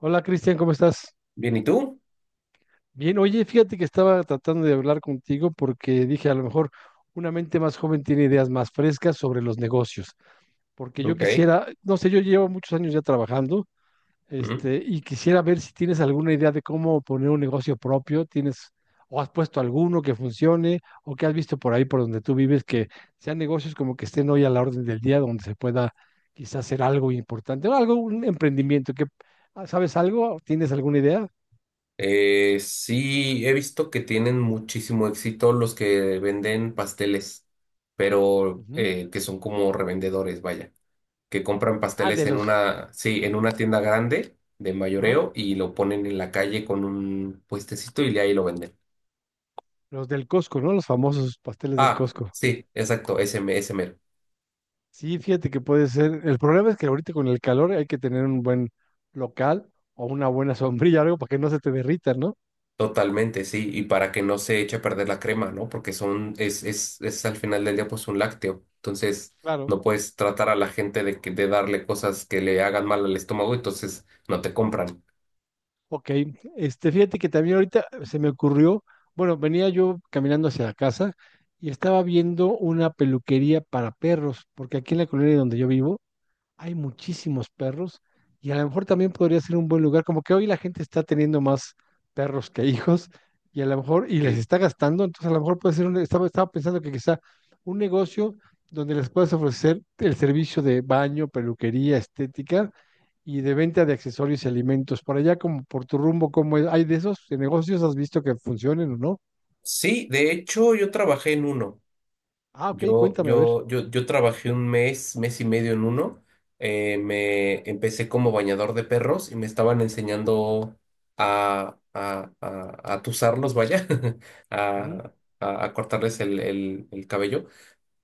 Hola, Cristian, ¿cómo estás? Bien, ¿y tú? Bien, oye, fíjate que estaba tratando de hablar contigo porque dije, a lo mejor una mente más joven tiene ideas más frescas sobre los negocios, porque yo Ok. quisiera, no sé, yo llevo muchos años ya trabajando. Mm. Y quisiera ver si tienes alguna idea de cómo poner un negocio propio, tienes, o has puesto alguno que funcione, o que has visto por ahí por donde tú vives, que sean negocios como que estén hoy a la orden del día, donde se pueda quizás hacer algo importante, o algo, un emprendimiento, que, ah, ¿sabes algo? ¿Tienes alguna idea? Sí, he visto que tienen muchísimo éxito los que venden pasteles, pero que son como revendedores, vaya, que compran Ah, pasteles en una, sí, en una tienda grande de ah, mayoreo y lo ponen en la calle con un puestecito y ahí lo venden. los del Costco, ¿no? Los famosos pasteles del Ah, Costco. sí, exacto, ese, ese mero. Sí, fíjate que puede ser. El problema es que ahorita con el calor hay que tener un buen local o una buena sombrilla, algo para que no se te derrita, ¿no? Totalmente, sí, y para que no se eche a perder la crema, ¿no? Porque es al final del día pues un lácteo. Entonces, Claro. no puedes tratar a la gente de darle cosas que le hagan mal al estómago, entonces no te compran. Ok. Fíjate que también ahorita se me ocurrió, bueno, venía yo caminando hacia la casa y estaba viendo una peluquería para perros, porque aquí en la colonia donde yo vivo hay muchísimos perros y a lo mejor también podría ser un buen lugar, como que hoy la gente está teniendo más perros que hijos y a lo mejor, y les Sí, está gastando, entonces a lo mejor puede ser, estaba pensando que quizá un negocio donde les puedas ofrecer el servicio de baño, peluquería, estética y de venta de accesorios y alimentos. Por allá, como por tu rumbo, ¿cómo es? ¿Hay de esos de negocios? ¿Has visto que funcionen o no? sí, de hecho, yo trabajé en uno. Ah, ok, Yo, cuéntame, a ver. yo, yo, yo trabajé un mes, mes y medio en uno. Me empecé como bañador de perros y me estaban enseñando a tusarlos, vaya, Ujú, a, a cortarles el cabello.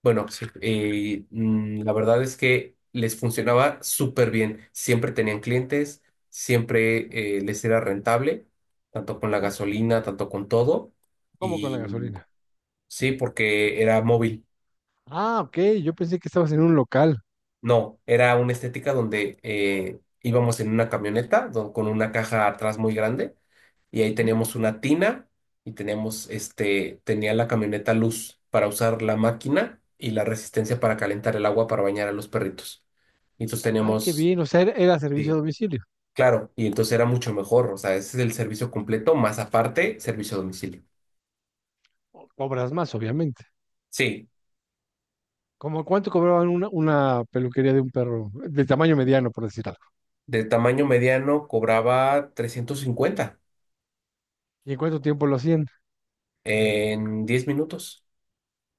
Bueno, sí, la verdad es que les funcionaba súper bien. Siempre tenían clientes, siempre les era rentable, tanto con la ajá. gasolina, tanto con todo. ¿Cómo con la Y gasolina? sí, porque era móvil. Ah, ok, yo pensé que estabas en un local. No, era una estética donde íbamos en una camioneta con una caja atrás muy grande y ahí teníamos una tina y teníamos, este, tenía la camioneta luz para usar la máquina y la resistencia para calentar el agua para bañar a los perritos. Y entonces Ah, qué teníamos, bien. O sea, era servicio a sí, domicilio. claro, y entonces era mucho mejor, o sea, ese es el servicio completo, más aparte, servicio a domicilio. O- cobras más, obviamente. Sí, ¿Cómo cuánto cobraban una peluquería de un perro de tamaño mediano, por decir algo? de tamaño mediano cobraba 350 ¿Y en cuánto tiempo lo hacían? en 10 minutos.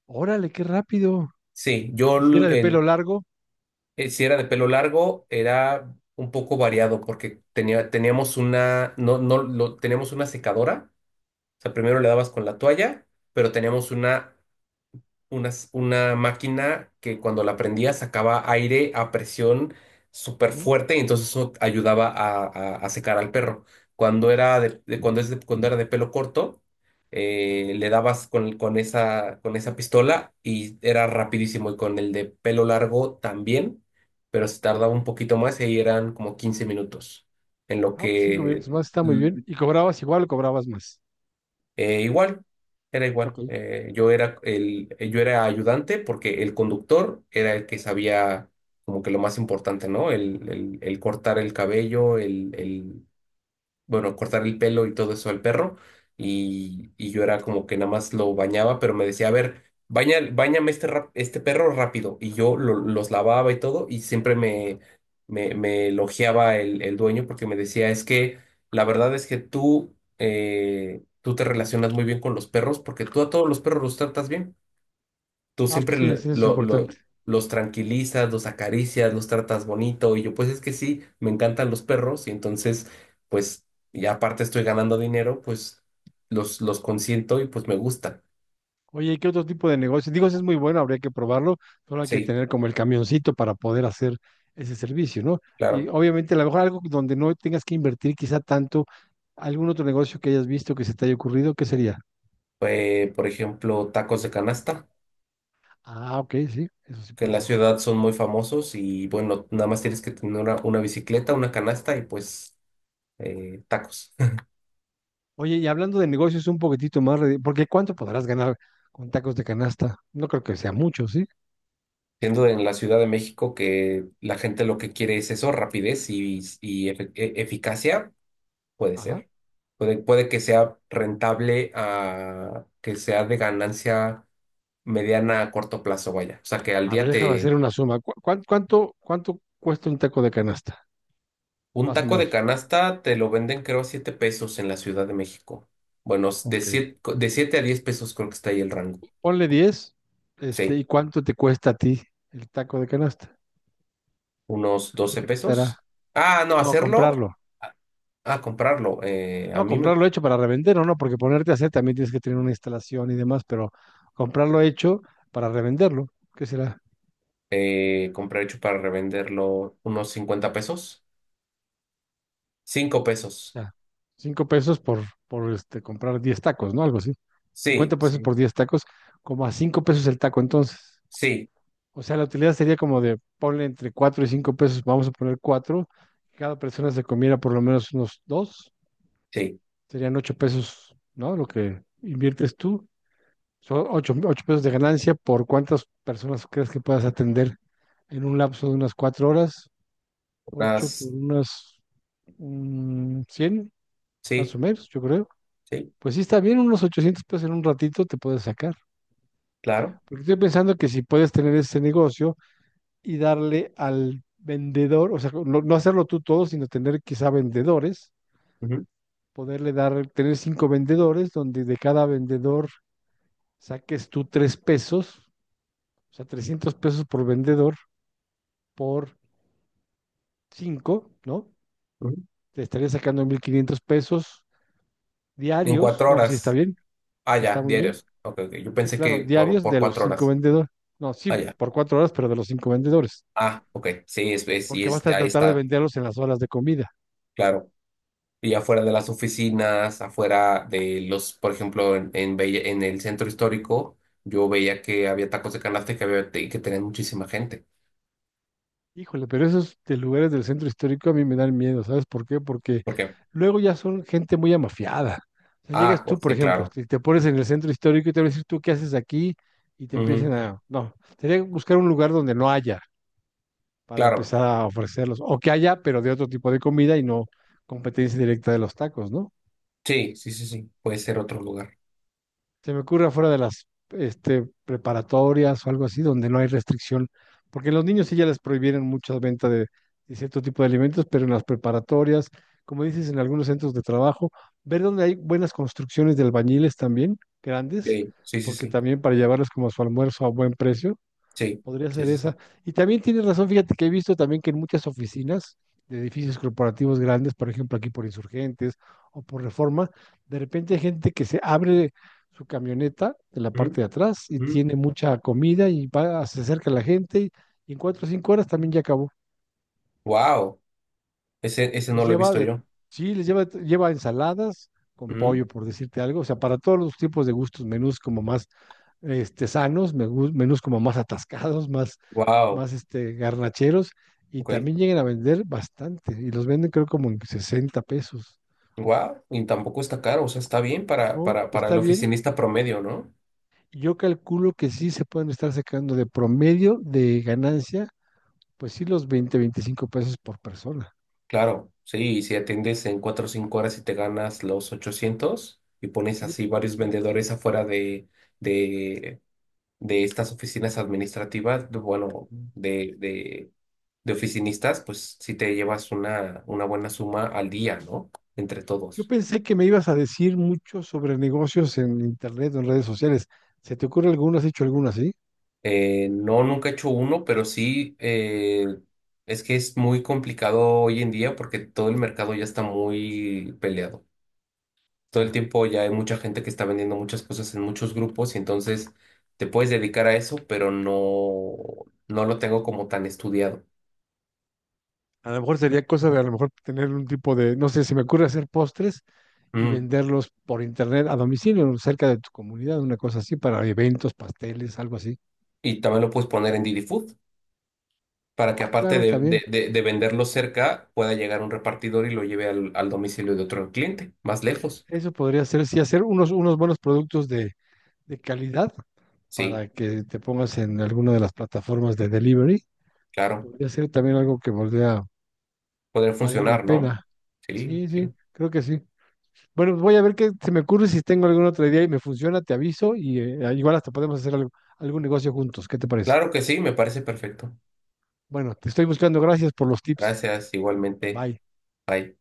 Órale, qué rápido. Sí, ¿Y si era de pelo largo? Si era de pelo largo, era un poco variado porque teníamos una, no, no, teníamos una secadora. O sea, primero le dabas con la toalla, pero teníamos una máquina que cuando la prendía sacaba aire a presión súper Ujú. fuerte y entonces eso ayudaba a secar al perro. Cuando era de pelo corto, le dabas con esa pistola y era rapidísimo. Y con el de pelo largo también, pero se tardaba un poquito más y ahí eran como 15 minutos en lo Ah, pues 5 minutos que más, está muy bien. ¿Y cobrabas igual o cobrabas más? eh, igual, era Ok. igual. Yo era ayudante porque el conductor era el que sabía como que lo más importante, ¿no? El cortar el cabello, bueno, cortar el pelo y todo eso al perro. Y yo era como que nada más lo bañaba, pero me decía, a ver, báñame este perro rápido. Y yo los lavaba y todo, y siempre me elogiaba el dueño porque me decía, es que la verdad es que tú te relacionas muy bien con los perros porque tú a todos los perros los tratas bien, tú Ah, pues siempre sí, sí, eso es importante. Los tranquilizas, los acaricias, los tratas bonito. Y yo, pues es que sí, me encantan los perros y entonces, pues, y aparte estoy ganando dinero, pues los consiento y pues me gusta. Oye, ¿y qué otro tipo de negocio? Digo, ese es muy bueno, habría que probarlo, solo hay que Sí, tener como el camioncito para poder hacer ese servicio, ¿no? Y claro. obviamente, a lo mejor algo donde no tengas que invertir quizá tanto, algún otro negocio que hayas visto que se te haya ocurrido, ¿qué sería? Por ejemplo, tacos de canasta, Ah, ok, sí, eso sí que en puede la ser tal. ciudad son muy famosos y bueno, nada más tienes que tener una bicicleta, una canasta y pues tacos. Oye, y hablando de negocios un poquitito más, porque ¿cuánto podrás ganar con tacos de canasta? No creo que sea mucho, ¿sí? Siendo en la Ciudad de México que la gente lo que quiere es eso, rapidez y eficacia. Puede Ajá. ser. Puede que sea rentable a que sea de ganancia mediana a corto plazo, vaya. O sea, que al A ver, día déjame hacer te... una suma. ¿Cuánto cuesta un taco de canasta? Un Más o taco de menos. canasta te lo venden creo a 7 pesos en la Ciudad de México. Bueno, Ok. De 7 a 10 pesos creo que está ahí el rango. Ponle 10. Sí, ¿Y cuánto te cuesta a ti el taco de canasta? unos ¿Cuánto 12 te costará? pesos. Ah, no, No, hacerlo. comprarlo. Ah, ah, comprarlo. A No, mí me comprarlo hecho para revender o no, porque ponerte a hacer también tienes que tener una instalación y demás, pero comprarlo hecho para revenderlo, ¿qué será? Compré hecho para revenderlo unos 50 pesos. 5 pesos. Ya, cinco pesos por, por comprar 10 tacos, ¿no? Algo así. 50 Sí, pesos sí, por 10 tacos, como a 5 pesos el taco entonces. sí. O sea, la utilidad sería como de ponle entre 4 y 5 pesos, vamos a poner 4. Cada persona se comiera por lo menos unos 2. Sí. Serían 8 pesos, ¿no? Lo que inviertes tú. Son ocho pesos de ganancia por cuántas personas crees que puedas atender en un lapso de unas 4 horas. Ocho por Unas, unas mm, 100, más sí, o menos, yo creo. sí, Pues sí está bien, unos 800 pesos en un ratito te puedes sacar. claro. Porque estoy pensando que si puedes tener ese negocio y darle al vendedor, o sea, no, no hacerlo tú todo, sino tener quizá vendedores, Ujú, poderle dar, tener cinco vendedores, donde de cada vendedor saques tú 3 pesos, o sea, 300 pesos por vendedor por cinco, ¿no? ujú. Te estaría sacando 1,500 pesos En diarios. cuatro No, pues sí, está horas. bien, Ah, ya, está muy bien. diarios. Ok, ok. Yo Sí, pensé claro, que diarios por de los cuatro cinco horas. vendedores. No, Ah, sí, ya. por 4 horas, pero de los cinco vendedores. Ah, ok. Sí, Porque vas a ahí tratar de está, venderlos en las horas de comida. claro. Y afuera de las oficinas, afuera de los, por ejemplo, en el centro histórico, yo veía que había tacos de canasta y que tenían muchísima gente. Híjole, pero esos de lugares del centro histórico a mí me dan miedo, ¿sabes por qué? Porque ¿Por qué? luego ya son gente muy amafiada. O sea, Ah, llegas tú, pues, por sí, ejemplo, claro. te pones en el centro histórico y te van a decir tú qué haces aquí y te empiezan Ujú. a... No, sería buscar un lugar donde no haya para Claro. empezar a ofrecerlos, o que haya, pero de otro tipo de comida y no competencia directa de los tacos, ¿no? Sí, sí, sí, sí. Puede ser otro lugar. Se me ocurre afuera de las preparatorias o algo así, donde no hay restricción, porque los niños sí ya les prohibieron muchas ventas de cierto tipo de alimentos, pero en las preparatorias, como dices, en algunos centros de trabajo, ver donde hay buenas construcciones de albañiles también, grandes, Sí, sí, sí, porque sí. también para llevarlos como su almuerzo a buen precio, Sí, podría sí, ser sí, sí. esa. Y también tienes razón, fíjate que he visto también que en muchas oficinas de edificios corporativos grandes, por ejemplo aquí por Insurgentes o por Reforma, de repente hay gente que se abre su camioneta de la Ujú, parte de atrás y ujú. tiene mucha comida y va, se acerca a la gente y en 4 o 5 horas también ya acabó. Wow, ese Les no lo he lleva visto de, yo. sí, les lleva, lleva ensaladas con pollo, por decirte algo. O sea, para todos los tipos de gustos, menús como más sanos, menús como más atascados, más, Wow, más garnacheros. Y ok. también llegan a vender bastante. Y los venden creo como en 60 pesos. Wow, y tampoco está caro, o sea, está bien para, ¿No? para, para el Está bien. oficinista promedio, ¿no? Yo calculo que sí se pueden estar sacando de promedio de ganancia, pues sí, los 20 25 pesos por persona. Claro, sí, y si atiendes en 4 o 5 horas y te ganas los 800 y pones Sí, así está varios bueno. vendedores afuera de, de, de, estas oficinas administrativas, bueno, de oficinistas, pues sí te llevas una buena suma al día, ¿no? Entre Yo todos. pensé que me ibas a decir mucho sobre negocios en internet o en redes sociales. ¿Se te ocurre alguno? ¿Has hecho alguna, sí? No, nunca he hecho uno, pero sí, es que es muy complicado hoy en día porque todo el mercado ya está muy peleado. Todo el Ya. tiempo ya hay mucha gente que está vendiendo muchas cosas en muchos grupos y entonces te puedes dedicar a eso, pero no, no lo tengo como tan estudiado. A lo mejor sería cosa de a lo mejor tener un tipo de, no sé, se me ocurre hacer postres y Mm. venderlos por internet a domicilio, cerca de tu comunidad, una cosa así, para eventos, pasteles, algo así. Y también lo puedes poner en Didi Food para que Ah, aparte claro, de, también. de, de- de venderlo cerca, pueda llegar un repartidor y lo lleve al domicilio de otro cliente, más lejos. Eso podría ser, sí, hacer unos, unos buenos productos de calidad Sí, para que te pongas en alguna de las plataformas de delivery. claro. Podría ser también algo que volviera a Poder valer la funcionar, ¿no? pena. Sí, Sí, sí, sí. creo que sí. Bueno, voy a ver qué se me ocurre si tengo algún otro idea y me funciona, te aviso y igual hasta podemos hacer algún negocio juntos. ¿Qué te parece? Claro que sí, me parece perfecto. Bueno, te estoy buscando. Gracias por los tips. Gracias, igualmente. Bye. Bye.